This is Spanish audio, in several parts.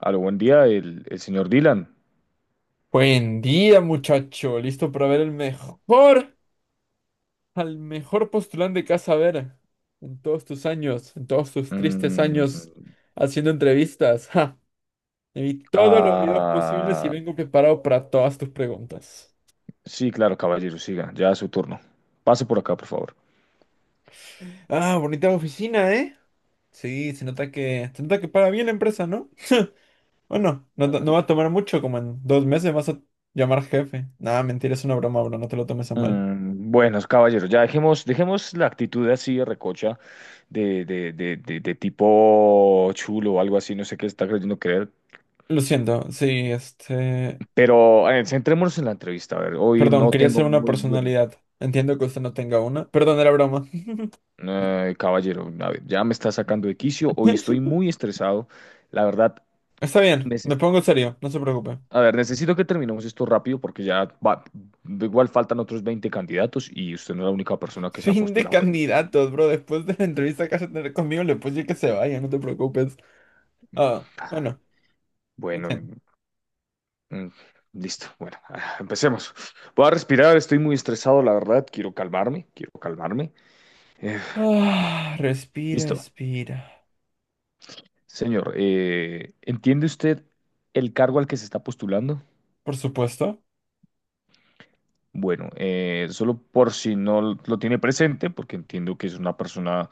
A lo buen día, el señor Dylan. Buen día, muchacho. ¿Listo para ver el mejor, al mejor postulante que vas a ver en todos tus años, en todos tus tristes Mm, años haciendo entrevistas? Ja, me vi todos los videos posibles y ah, vengo preparado para todas tus preguntas. sí, claro, caballero, siga, ya es su turno. Pase por acá, por favor. Ah, bonita oficina, ¿eh? Sí, se nota que paga bien la empresa, ¿no? Bueno, no, no Ah, no va a tomar mucho, como en 2 meses vas a llamar jefe. Nada, mentira, es una broma, bro, no te lo tomes a mal. Buenos caballeros, ya dejemos la actitud así de recocha, de tipo chulo o algo así, no sé qué está creyendo creer. Lo siento, sí, Pero centrémonos en la entrevista, a ver, hoy Perdón, no quería tengo ser una muy buena. personalidad. Entiendo que usted no tenga una. Perdón, era broma. Caballero, a ver, ya me está sacando de quicio, hoy estoy muy estresado, la verdad. Está bien, me pongo serio, no se preocupe. A ver, necesito que terminemos esto rápido porque igual faltan otros 20 candidatos y usted no es la única persona que se ha Fin de postulado hoy. candidatos, bro. Después de la entrevista que vas a tener conmigo, le puedo decir que se vaya, no te preocupes. Ah, bueno, no Bueno, sé. mm, listo. Bueno, empecemos. Voy a respirar, estoy muy estresado, la verdad. Quiero calmarme, quiero calmarme. Eh, Va, Ah, respira, listo. respira. Señor, ¿entiende usted el cargo al que se está postulando? Por supuesto, Bueno, solo por si no lo tiene presente, porque entiendo que es una persona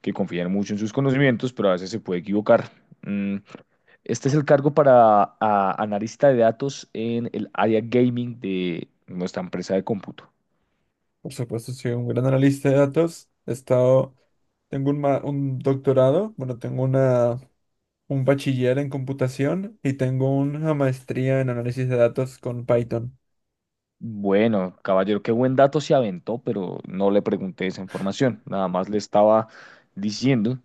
que confía mucho en sus conocimientos, pero a veces se puede equivocar. Mm, Este es el cargo para analista de datos en el área gaming de nuestra empresa de cómputo. por supuesto, soy un gran analista de datos. Un doctorado, un bachiller en computación y tengo una maestría en análisis de datos con Python. Bueno, caballero, qué buen dato se aventó, pero no le pregunté esa información. Nada más le estaba diciendo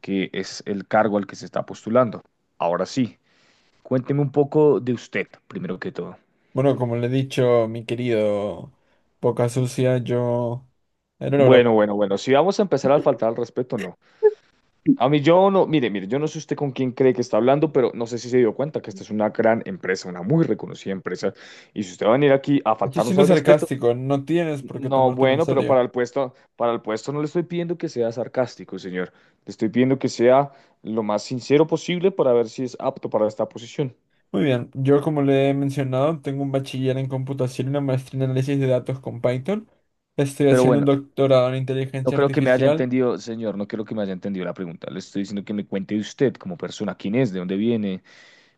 que es el cargo al que se está postulando. Ahora sí, cuénteme un poco de usted, primero que todo. Bueno, como le he dicho, mi querido Boca Sucia, yo... Era una Bueno, broma. bueno, bueno, si vamos a empezar a faltar al respeto, no. A mí yo no, mire, mire, yo no sé usted con quién cree que está hablando, pero no sé si se dio cuenta que esta es una gran empresa, una muy reconocida empresa. Y si usted va a venir aquí a Estoy faltarnos siendo al respeto, sarcástico, no tienes por qué no, tomártelo en bueno, pero serio. Para el puesto no le estoy pidiendo que sea sarcástico, señor. Le estoy pidiendo que sea lo más sincero posible para ver si es apto para esta posición. Muy bien, yo como le he mencionado, tengo un bachiller en computación y una maestría en análisis de datos con Python. Estoy Pero haciendo un bueno, doctorado en no inteligencia creo que me haya artificial. entendido, señor, no creo que me haya entendido la pregunta. Le estoy diciendo que me cuente de usted como persona, quién es, de dónde viene,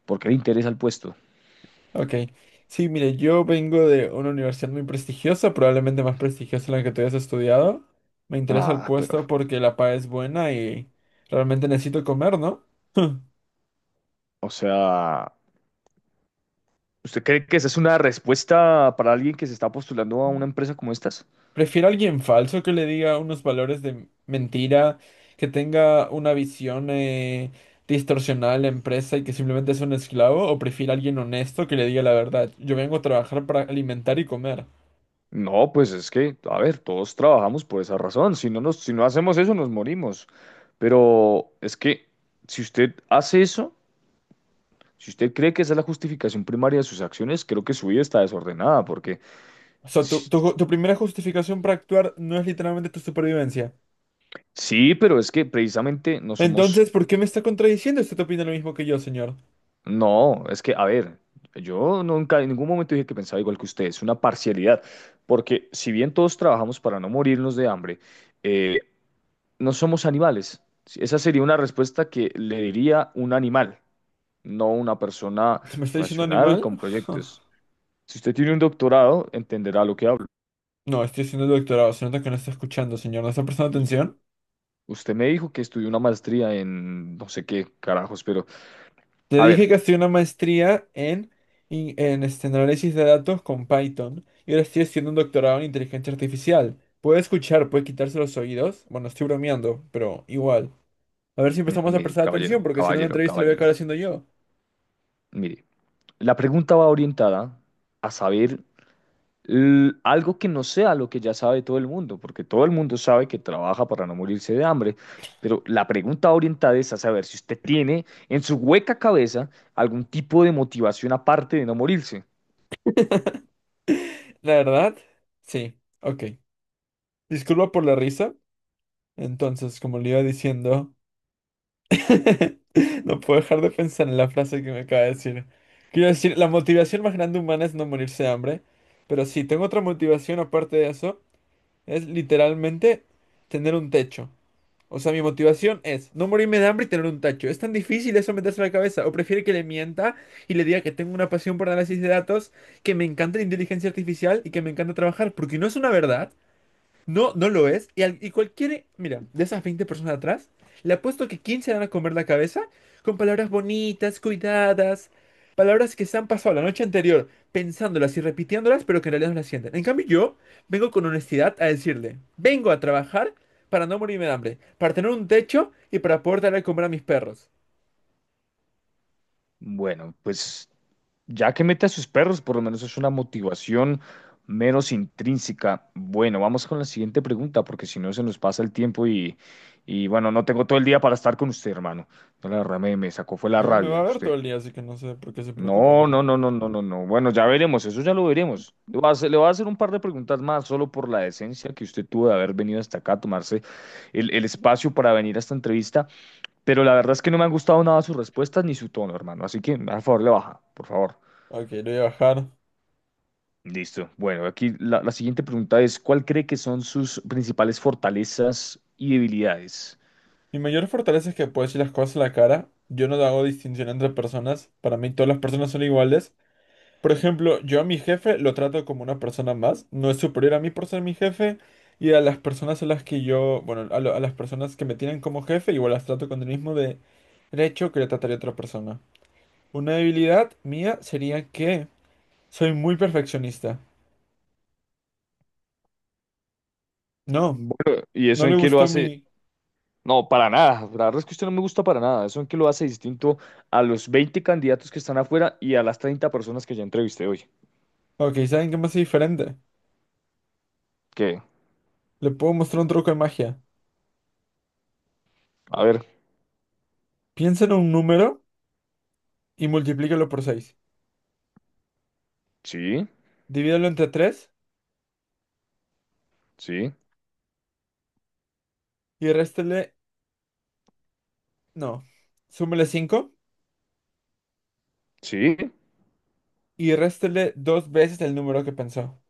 por qué le interesa el puesto. Ok, sí, mire, yo vengo de una universidad muy prestigiosa, probablemente más prestigiosa en la que tú hayas estudiado. Me interesa el Ah, pero, puesto porque la paga es buena y realmente necesito comer, ¿no? o sea... ¿Usted cree que esa es una respuesta para alguien que se está postulando a una empresa como estas? Prefiero a alguien falso que le diga unos valores de mentira, que tenga una visión distorsionada de la empresa y que simplemente es un esclavo, o prefiero a alguien honesto que le diga la verdad. Yo vengo a trabajar para alimentar y comer. No, pues es que, a ver, todos trabajamos por esa razón. Si no hacemos eso, nos morimos. Pero es que si usted hace eso, si usted cree que esa es la justificación primaria de sus acciones, creo que su vida está desordenada, porque O sea, sí, tu primera justificación para actuar no es literalmente tu supervivencia. sí, pero es que precisamente no somos. Entonces, ¿por qué me está contradiciendo? ¿Usted opina lo mismo que yo, señor? No, es que, a ver, yo nunca en ningún momento dije que pensaba igual que usted, es una parcialidad, porque si bien todos trabajamos para no morirnos de hambre, eh, no somos animales. Sí, esa sería una respuesta que le diría un animal, no una persona ¿Me está diciendo racional animal? con proyectos. Si usted tiene un doctorado, entenderá lo que hablo. No, estoy haciendo el doctorado. Se nota que no está escuchando, señor. ¿No está prestando U- atención? Usted me dijo que estudió una maestría en no sé qué carajos, pero Te a dije ver. que hacía una maestría en, in- en este análisis de datos con Python y ahora estoy haciendo un doctorado en inteligencia artificial. Puede escuchar, puede quitarse los oídos. Bueno, estoy bromeando, pero igual. A ver si empezamos a Mire, prestar atención, porque si no la entrevista la voy a caballero, acabar haciendo yo. mire, la pregunta va orientada a saber algo que no sea lo que ya sabe todo el mundo, porque todo el mundo sabe que trabaja para no morirse de hambre. Pero la pregunta orientada es a saber si usted tiene en su hueca cabeza algún tipo de motivación aparte de no morirse. La verdad, sí, ok. Disculpa por la risa. Entonces, como le iba diciendo, no puedo dejar de pensar en la frase que me acaba de decir. Quiero decir, la motivación más grande humana es no morirse de hambre. Pero sí, tengo otra motivación aparte de eso. Es literalmente tener un techo. O sea, mi motivación es no morirme de hambre y tener un techo. ¿Es tan difícil eso meterse en la cabeza? ¿O prefiere que le mienta y le diga que tengo una pasión por análisis de datos, que me encanta la inteligencia artificial y que me encanta trabajar? Porque no es una verdad. No, no lo es. Y, y cualquiera, mira, de esas 20 personas atrás, le apuesto que 15 van a comer la cabeza con palabras bonitas, cuidadas, palabras que se han pasado la noche anterior pensándolas y repitiéndolas, pero que en realidad no las sienten. En cambio, yo vengo con honestidad a decirle, vengo a trabajar para no morirme de hambre, para tener un techo y para poder darle de comer a mis perros. Bueno, pues ya que mete a sus perros, por lo menos es una motivación menos intrínseca. Bueno, vamos con la siguiente pregunta, porque si no se nos pasa el tiempo y bueno, no tengo todo el día para estar con usted, hermano. No, la verdad me sacó fue la Luego me va a rabia ver todo usted. el día, así que no sé por qué se preocupa, No, pero... no, no, no, no, no, no. Bueno, ya veremos, eso ya lo veremos. Le voy a hacer un par de preguntas más, solo por la decencia que usted tuvo de haber venido hasta acá a tomarse el espacio para venir a esta entrevista, pero la verdad es que no me han gustado nada sus respuestas ni su tono, hermano. Así que, a favor, le baja, por favor. Ok, le voy a bajar. Listo. Bueno, aquí la siguiente pregunta es, ¿cuál cree que son sus principales fortalezas y debilidades? Mi mayor fortaleza es que puedo decir las cosas a la cara. Yo no hago distinción entre personas. Para mí todas las personas son iguales. Por ejemplo, yo a mi jefe lo trato como una persona más. No es superior a mí por ser mi jefe. Y a las personas a las que yo, a las personas que me tienen como jefe, igual las trato con el mismo de derecho que le trataría a otra persona. Una debilidad mía sería que soy muy perfeccionista. No, Bueno, ¿y no eso le en qué lo gustó hace? mi... No, para nada. La verdad es que usted no me gusta para nada. Eso en que lo hace distinto a los 20 candidatos que están afuera y a las 30 personas que ya entrevisté hoy. Ok, ¿saben qué me hace diferente? Que, Le puedo mostrar un truco de magia. a ver, Piensa en un número y multiplícalo por 6. sí, Divídelo entre 3 sí, y réstele, no, súmele 5 sí. y réstele 2 veces el número que pensó.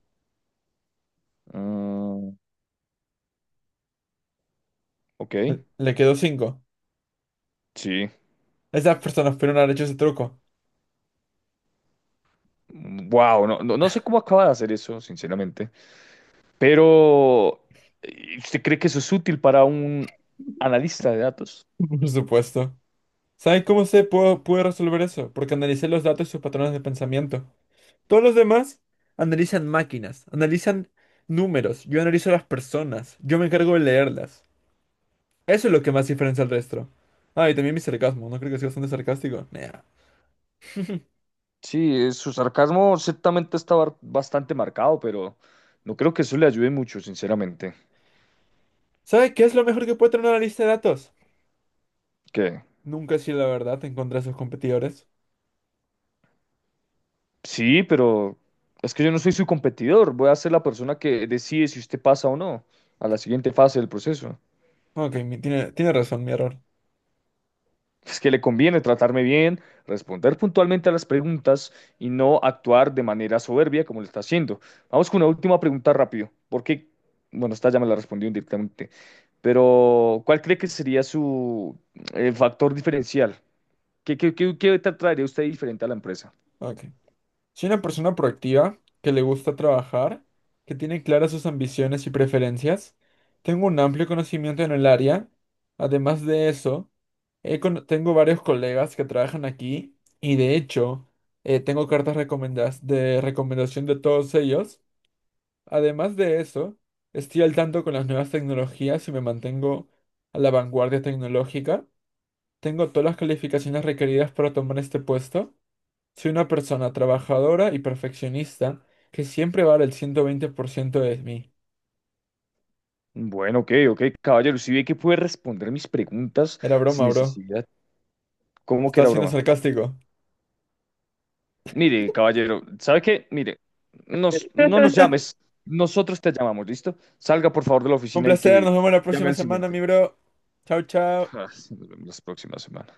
mm, ok, Le quedó 5. sí. Esas personas pudieron haber hecho ese truco. Wow, no, no, no sé cómo acaba de hacer eso, sinceramente. Pero, ¿y ¿usted cree que eso es útil para un analista de datos? Por supuesto. ¿Saben cómo pude resolver eso? Porque analicé los datos y sus patrones de pensamiento. Todos los demás analizan máquinas, analizan números. Yo analizo a las personas. Yo me encargo de leerlas. Eso es lo que más diferencia al resto. Ah, y también mi sarcasmo. ¿No creo que sea bastante sarcástico? Nah. Sí, su sarcasmo ciertamente está bastante marcado, pero no creo que eso le ayude mucho, sinceramente. ¿Sabe qué es lo mejor que puede tener una lista de datos? ¿Qué? Nunca sí, la verdad encontrar contra sus competidores. Sí, pero es que yo no soy su competidor. Voy a ser la persona que decide si usted pasa o no a la siguiente fase del proceso. Ok, tiene razón, mi error. Es que le conviene tratarme bien, responder puntualmente a las preguntas y no actuar de manera soberbia como lo está haciendo. Vamos con una última pregunta rápido. Porque, bueno, esta ya me la respondió directamente. Pero, ¿cuál cree que sería su factor diferencial? Qué traería usted diferente a la empresa? Ok. Soy una persona proactiva, que le gusta trabajar, que tiene claras sus ambiciones y preferencias. Tengo un amplio conocimiento en el área. Además de eso, tengo varios colegas que trabajan aquí y de hecho, tengo cartas recomendadas de recomendación de todos ellos. Además de eso, estoy al tanto con las nuevas tecnologías y me mantengo a la vanguardia tecnológica. Tengo todas las calificaciones requeridas para tomar este puesto. Soy una persona trabajadora y perfeccionista que siempre va a dar el 120% de mí. Bueno, ok, ok, caballero. Si ve que puede responder mis preguntas Era sin broma, bro. necesidad, ¿cómo que Estaba era siendo broma? sarcástico. Mire, caballero, ¿sabe qué? Mire, no nos llames. Nosotros te llamamos, ¿listo? Salga, por favor, de la Un oficina y placer, que nos vemos la llame próxima al semana, siguiente. mi bro. Chao, chao. Ah, sí, nos vemos la próxima semana.